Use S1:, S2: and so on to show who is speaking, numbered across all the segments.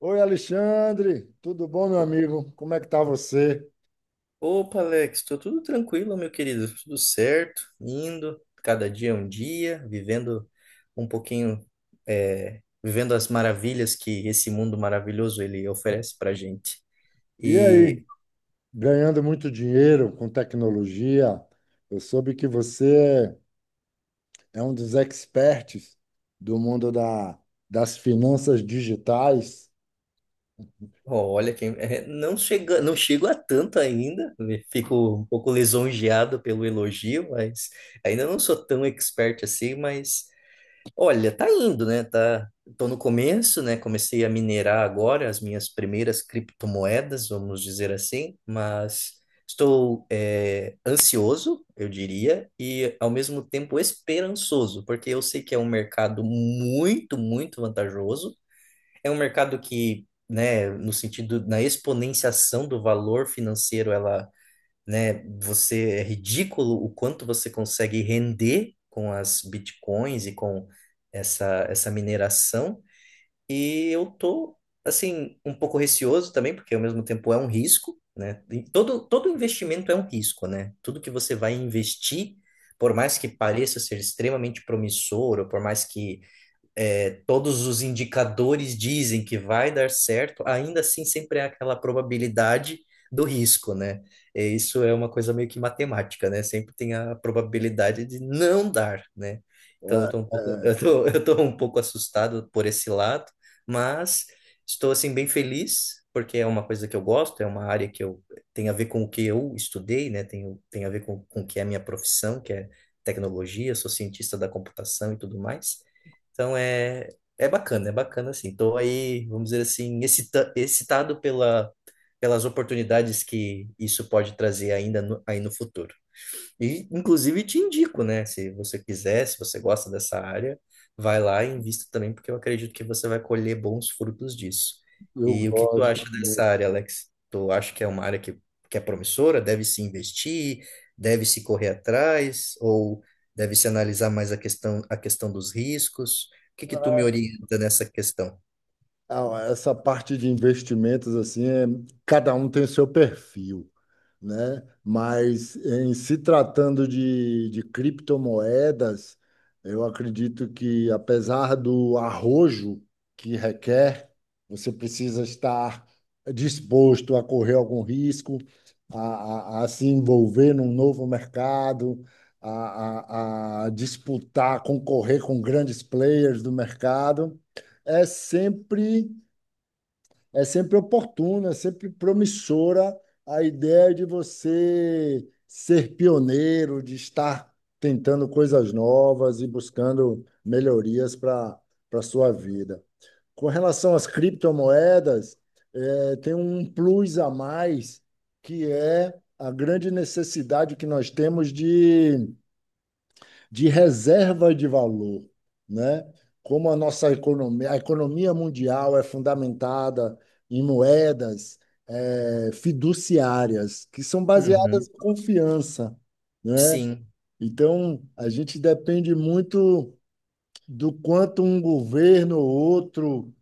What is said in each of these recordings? S1: Oi, Alexandre, tudo bom, meu
S2: O-
S1: amigo? Como é que tá você?
S2: Opa, Alex, tô tudo tranquilo, meu querido, tudo certo, indo, cada dia é um dia, vivendo um pouquinho, vivendo as maravilhas que esse mundo maravilhoso ele oferece pra gente.
S1: E
S2: E
S1: aí, ganhando muito dinheiro com tecnologia? Eu soube que você é um dos experts do mundo das finanças digitais.
S2: ó, olha quem, não chego a tanto ainda, né, fico um pouco lisonjeado pelo elogio, mas ainda não sou tão expert assim, mas olha, tá indo, né? Tá, tô no começo, né? Comecei a minerar agora as minhas primeiras criptomoedas, vamos dizer assim, mas estou ansioso, eu diria, e ao mesmo tempo esperançoso, porque eu sei que é um mercado muito, muito vantajoso. É um mercado que, né, no sentido, na exponenciação do valor financeiro, ela, né? Você, é ridículo o quanto você consegue render com as bitcoins e com essa mineração. E eu tô assim um pouco receoso também, porque ao mesmo tempo é um risco, né? E todo investimento é um risco, né? Tudo que você vai investir, por mais que pareça ser extremamente promissor, ou por mais que, todos os indicadores dizem que vai dar certo, ainda assim sempre é aquela probabilidade do risco, né? É, isso é uma coisa meio que matemática, né? Sempre tem a probabilidade de não dar, né? Então eu
S1: É,
S2: tô um pouco, eu
S1: é,
S2: tô, eu tô um pouco assustado por esse lado, mas estou assim bem feliz porque é uma coisa que eu gosto, é uma área que eu, tem a ver com o que eu estudei, né? Tem a ver com o que é a minha profissão, que é tecnologia, sou cientista da computação e tudo mais. Então é, é bacana assim. Estou aí, vamos dizer assim, excitado pela, pelas oportunidades que isso pode trazer ainda aí no futuro. E, inclusive, te indico, né? Se você quiser, se você gosta dessa área, vai lá e invista também, porque eu acredito que você vai colher bons frutos disso.
S1: eu
S2: E o que tu
S1: gosto
S2: acha dessa
S1: muito.
S2: área, Alex? Tu acha que é uma área que é promissora? Deve se investir? Deve se correr atrás? Ou deve se analisar mais a questão dos riscos? O que que tu me orienta nessa questão?
S1: Ah, essa parte de investimentos, assim, cada um tem o seu perfil, né? Mas em se tratando de criptomoedas, eu acredito que, apesar do arrojo que requer, você precisa estar disposto a correr algum risco, a se envolver num novo mercado, a disputar, concorrer com grandes players do mercado. É sempre é sempre oportuna, é sempre promissora a ideia de você ser pioneiro, de estar tentando coisas novas e buscando melhorias para sua vida. Com relação às criptomoedas, tem um plus a mais, que é a grande necessidade que nós temos de reserva de valor, né? Como a nossa economia, a economia mundial é fundamentada em moedas fiduciárias, que são baseadas
S2: Uhum.
S1: em confiança, né?
S2: Sim.
S1: Então, a gente depende muito do quanto um governo ou outro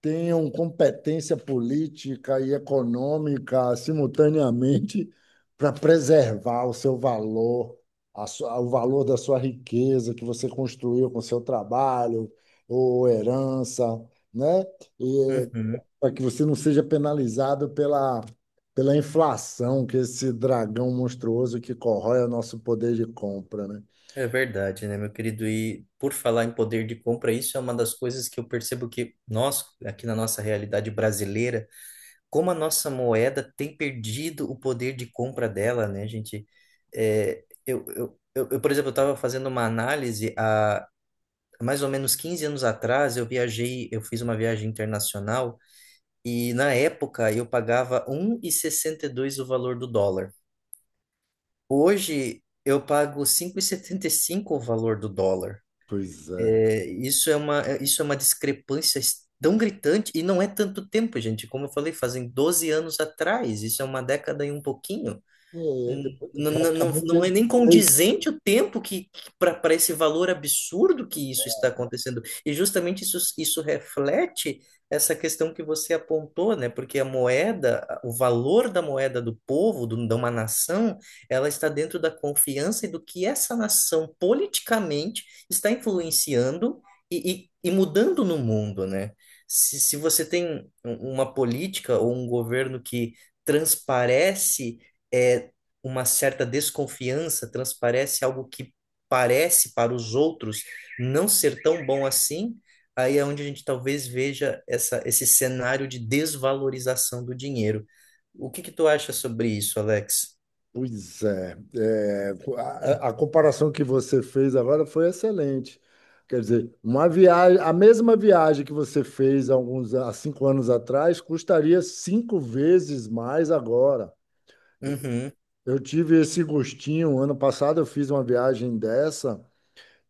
S1: tenham competência política e econômica simultaneamente para preservar o seu valor, o valor da sua riqueza que você construiu com seu trabalho ou herança, né? E
S2: Uhum.
S1: para que você não seja penalizado pela inflação, que é esse dragão monstruoso que corrói o nosso poder de compra, né?
S2: É verdade, né, meu querido? E por falar em poder de compra, isso é uma das coisas que eu percebo que nós, aqui na nossa realidade brasileira, como a nossa moeda tem perdido o poder de compra dela, né, gente? É, por exemplo, eu estava fazendo uma análise há mais ou menos 15 anos atrás, eu viajei, eu fiz uma viagem internacional e na época eu pagava um e sessenta e dois o valor do dólar. Hoje eu pago cinco e setenta e cinco o valor do dólar.
S1: Pois é.
S2: É, isso é uma discrepância tão gritante, e não é tanto tempo, gente. Como eu falei, fazem 12 anos atrás, isso é uma década e um pouquinho.
S1: É, é,
S2: Não, não,
S1: praticamente...
S2: é nem condizente o tempo que, para esse valor absurdo que isso está acontecendo. E justamente isso, isso reflete essa questão que você apontou, né? Porque a moeda, o valor da moeda do povo, do, de uma nação, ela está dentro da confiança e do que essa nação politicamente está influenciando e mudando no mundo, né? Se você tem uma política ou um governo que transparece é uma certa desconfiança, transparece algo que parece para os outros não ser tão bom assim, aí é onde a gente talvez veja essa, esse cenário de desvalorização do dinheiro. O que que tu acha sobre isso, Alex?
S1: Pois é, é, a comparação que você fez agora foi excelente. Quer dizer, uma viagem, a mesma viagem que você fez há 5 anos atrás custaria 5 vezes mais agora.
S2: Uhum,
S1: Eu tive esse gostinho, ano passado eu fiz uma viagem dessa,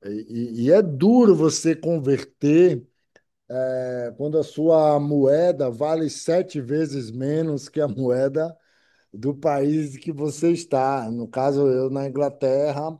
S1: e é duro você converter, é, quando a sua moeda vale 7 vezes menos que a moeda do país que você está. No caso, eu na Inglaterra,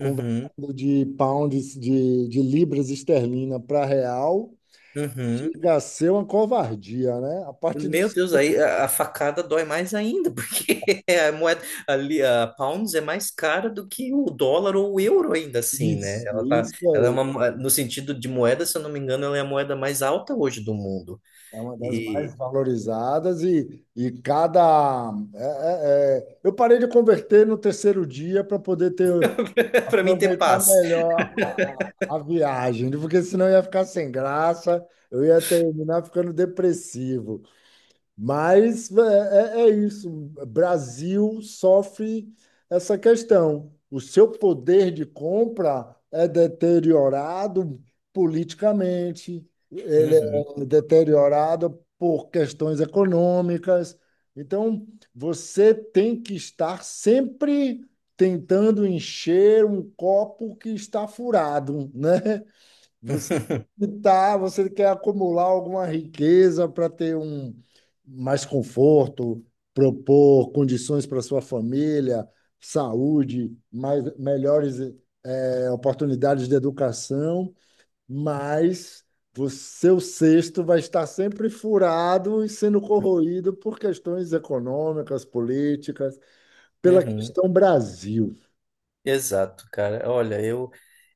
S2: uhum,
S1: de pounds, de libras esterlina para real,
S2: uhum.
S1: chega a ser uma covardia, né? A partir do...
S2: Meu Deus, aí a facada dói mais ainda, porque é a moeda ali, a pounds é mais cara do que o dólar ou o euro ainda assim, né?
S1: isso,
S2: Ela tá,
S1: isso
S2: ela é
S1: aí.
S2: uma, no sentido de moeda, se eu não me engano, ela é a moeda mais alta hoje do mundo.
S1: É uma das mais
S2: E
S1: valorizadas e cada... Eu parei de converter no 3º dia para poder ter...
S2: para mim ter
S1: aproveitar
S2: paz.
S1: melhor a viagem, porque senão eu ia ficar sem graça, eu ia terminar ficando depressivo. Mas é, é isso. Brasil sofre essa questão. O seu poder de compra é deteriorado politicamente, ele
S2: Uhum.
S1: é deteriorado por questões econômicas. Então, você tem que estar sempre tentando encher um copo que está furado, né? Você tá, você quer acumular alguma riqueza para ter um... mais conforto, propor condições para sua família, saúde, mais melhores oportunidades de educação, mas o seu cesto vai estar sempre furado e sendo corroído por questões econômicas, políticas, pela
S2: Uhum.
S1: questão Brasil.
S2: Exato, cara. Olha, eu.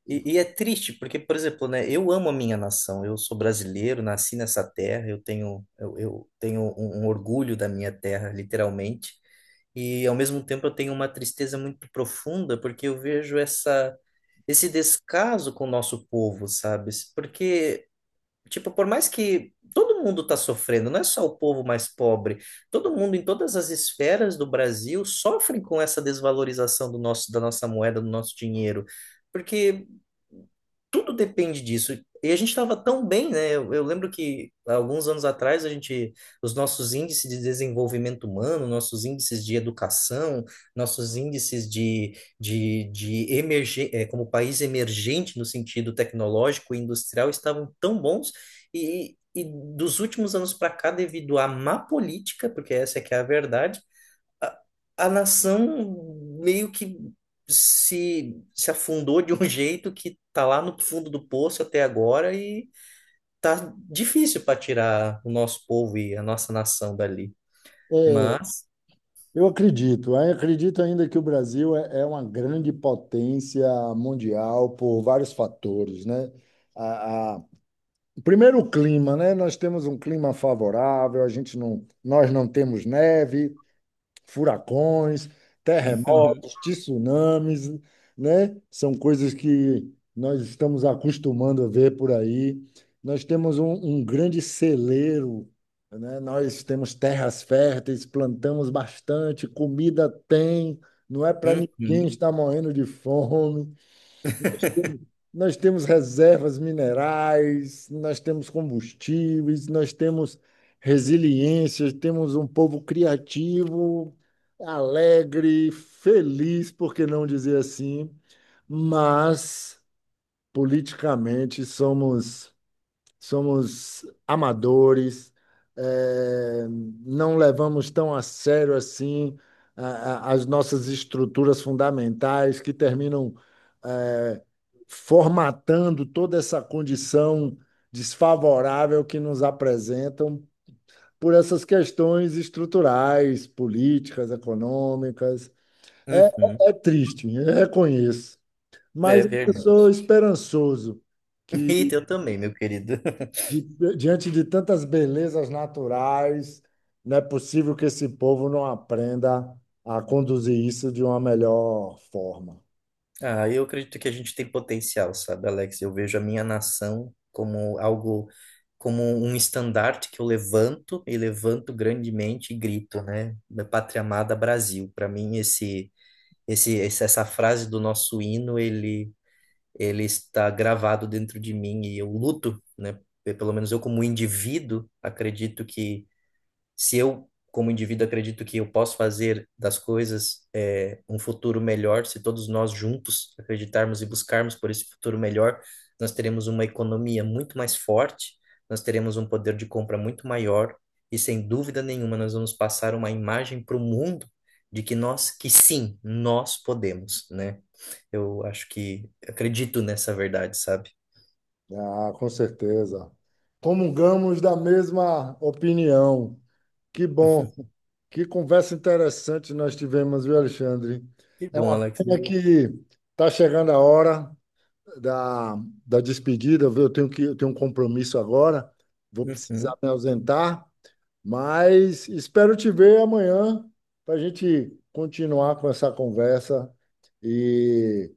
S2: E é triste, porque, por exemplo, né, eu amo a minha nação, eu sou brasileiro, nasci nessa terra, eu tenho, eu tenho um, um orgulho da minha terra, literalmente, e ao mesmo tempo eu tenho uma tristeza muito profunda, porque eu vejo essa, esse descaso com o nosso povo, sabe? Porque, tipo, por mais que todo mundo está sofrendo, não é só o povo mais pobre, todo mundo em todas as esferas do Brasil sofre com essa desvalorização do nosso, da nossa moeda, do nosso dinheiro, porque tudo depende disso. E a gente estava tão bem, né? Eu lembro que há alguns anos atrás a gente, os nossos índices de desenvolvimento humano, nossos índices de educação, nossos índices como país emergente no sentido tecnológico e industrial estavam tão bons e dos últimos anos para cá, devido à má política, porque essa é que é a verdade, a, a nação meio que se afundou de um jeito que tá lá no fundo do poço até agora e tá difícil para tirar o nosso povo e a nossa nação dali.
S1: É,
S2: Mas.
S1: eu acredito, eu acredito ainda que o Brasil é uma grande potência mundial por vários fatores, né? A, a- primeiro, o clima, né? Nós temos um clima favorável, a gente não, nós não temos neve, furacões, terremotos, tsunamis, né? São coisas que nós estamos acostumando a ver por aí. Nós temos um grande celeiro, né? Nós temos terras férteis, plantamos bastante, comida tem, não é para
S2: Uhum,
S1: ninguém
S2: uhum,
S1: estar morrendo de fome. Nós temos reservas minerais, nós temos combustíveis, nós temos resiliência, temos um povo criativo, alegre, feliz, por que não dizer assim, mas politicamente somos amadores, eh, não levamos tão a sério assim as nossas estruturas fundamentais que terminam eh, formatando toda essa condição desfavorável que nos apresentam por essas questões estruturais, políticas, econômicas. É,
S2: uhum.
S1: é triste, eu reconheço,
S2: É
S1: mas eu sou
S2: verdade.
S1: esperançoso
S2: E
S1: que...
S2: eu também, meu querido.
S1: Di- diante de tantas belezas naturais, não é possível que esse povo não aprenda a conduzir isso de uma melhor forma.
S2: Ah, eu acredito que a gente tem potencial, sabe, Alex? Eu vejo a minha nação como algo, como um estandarte que eu levanto e levanto grandemente e grito, né? Minha pátria amada Brasil. Para mim, essa frase do nosso hino, ele está gravado dentro de mim e eu luto, né? Pelo menos eu, como indivíduo, acredito que se eu, como indivíduo, acredito que eu posso fazer das coisas, é, um futuro melhor, se todos nós juntos acreditarmos e buscarmos por esse futuro melhor, nós teremos uma economia muito mais forte, nós teremos um poder de compra muito maior e, sem dúvida nenhuma, nós vamos passar uma imagem para o mundo de que nós, que sim, nós podemos, né? Eu acho que acredito nessa verdade, sabe?
S1: Né? Ah, com certeza. Comungamos da mesma opinião. Que bom, que conversa interessante nós tivemos, viu, Alexandre?
S2: Que
S1: É
S2: bom,
S1: uma
S2: Alex.
S1: pena que
S2: Eu-
S1: está chegando a hora da, da despedida, viu? Eu tenho um compromisso agora, vou
S2: Uhum.
S1: precisar me ausentar. Mas espero te ver amanhã para a gente continuar com essa conversa e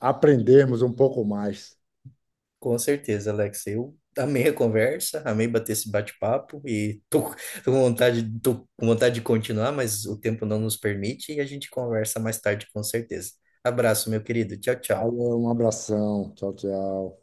S1: aprendermos um pouco mais.
S2: Com certeza, Alex. Eu amei a conversa, amei bater esse bate-papo e tô, tô com vontade de continuar, mas o tempo não nos permite e a gente conversa mais tarde, com certeza. Abraço, meu querido. Tchau, tchau.
S1: Alô, um abração. Tchau, tchau.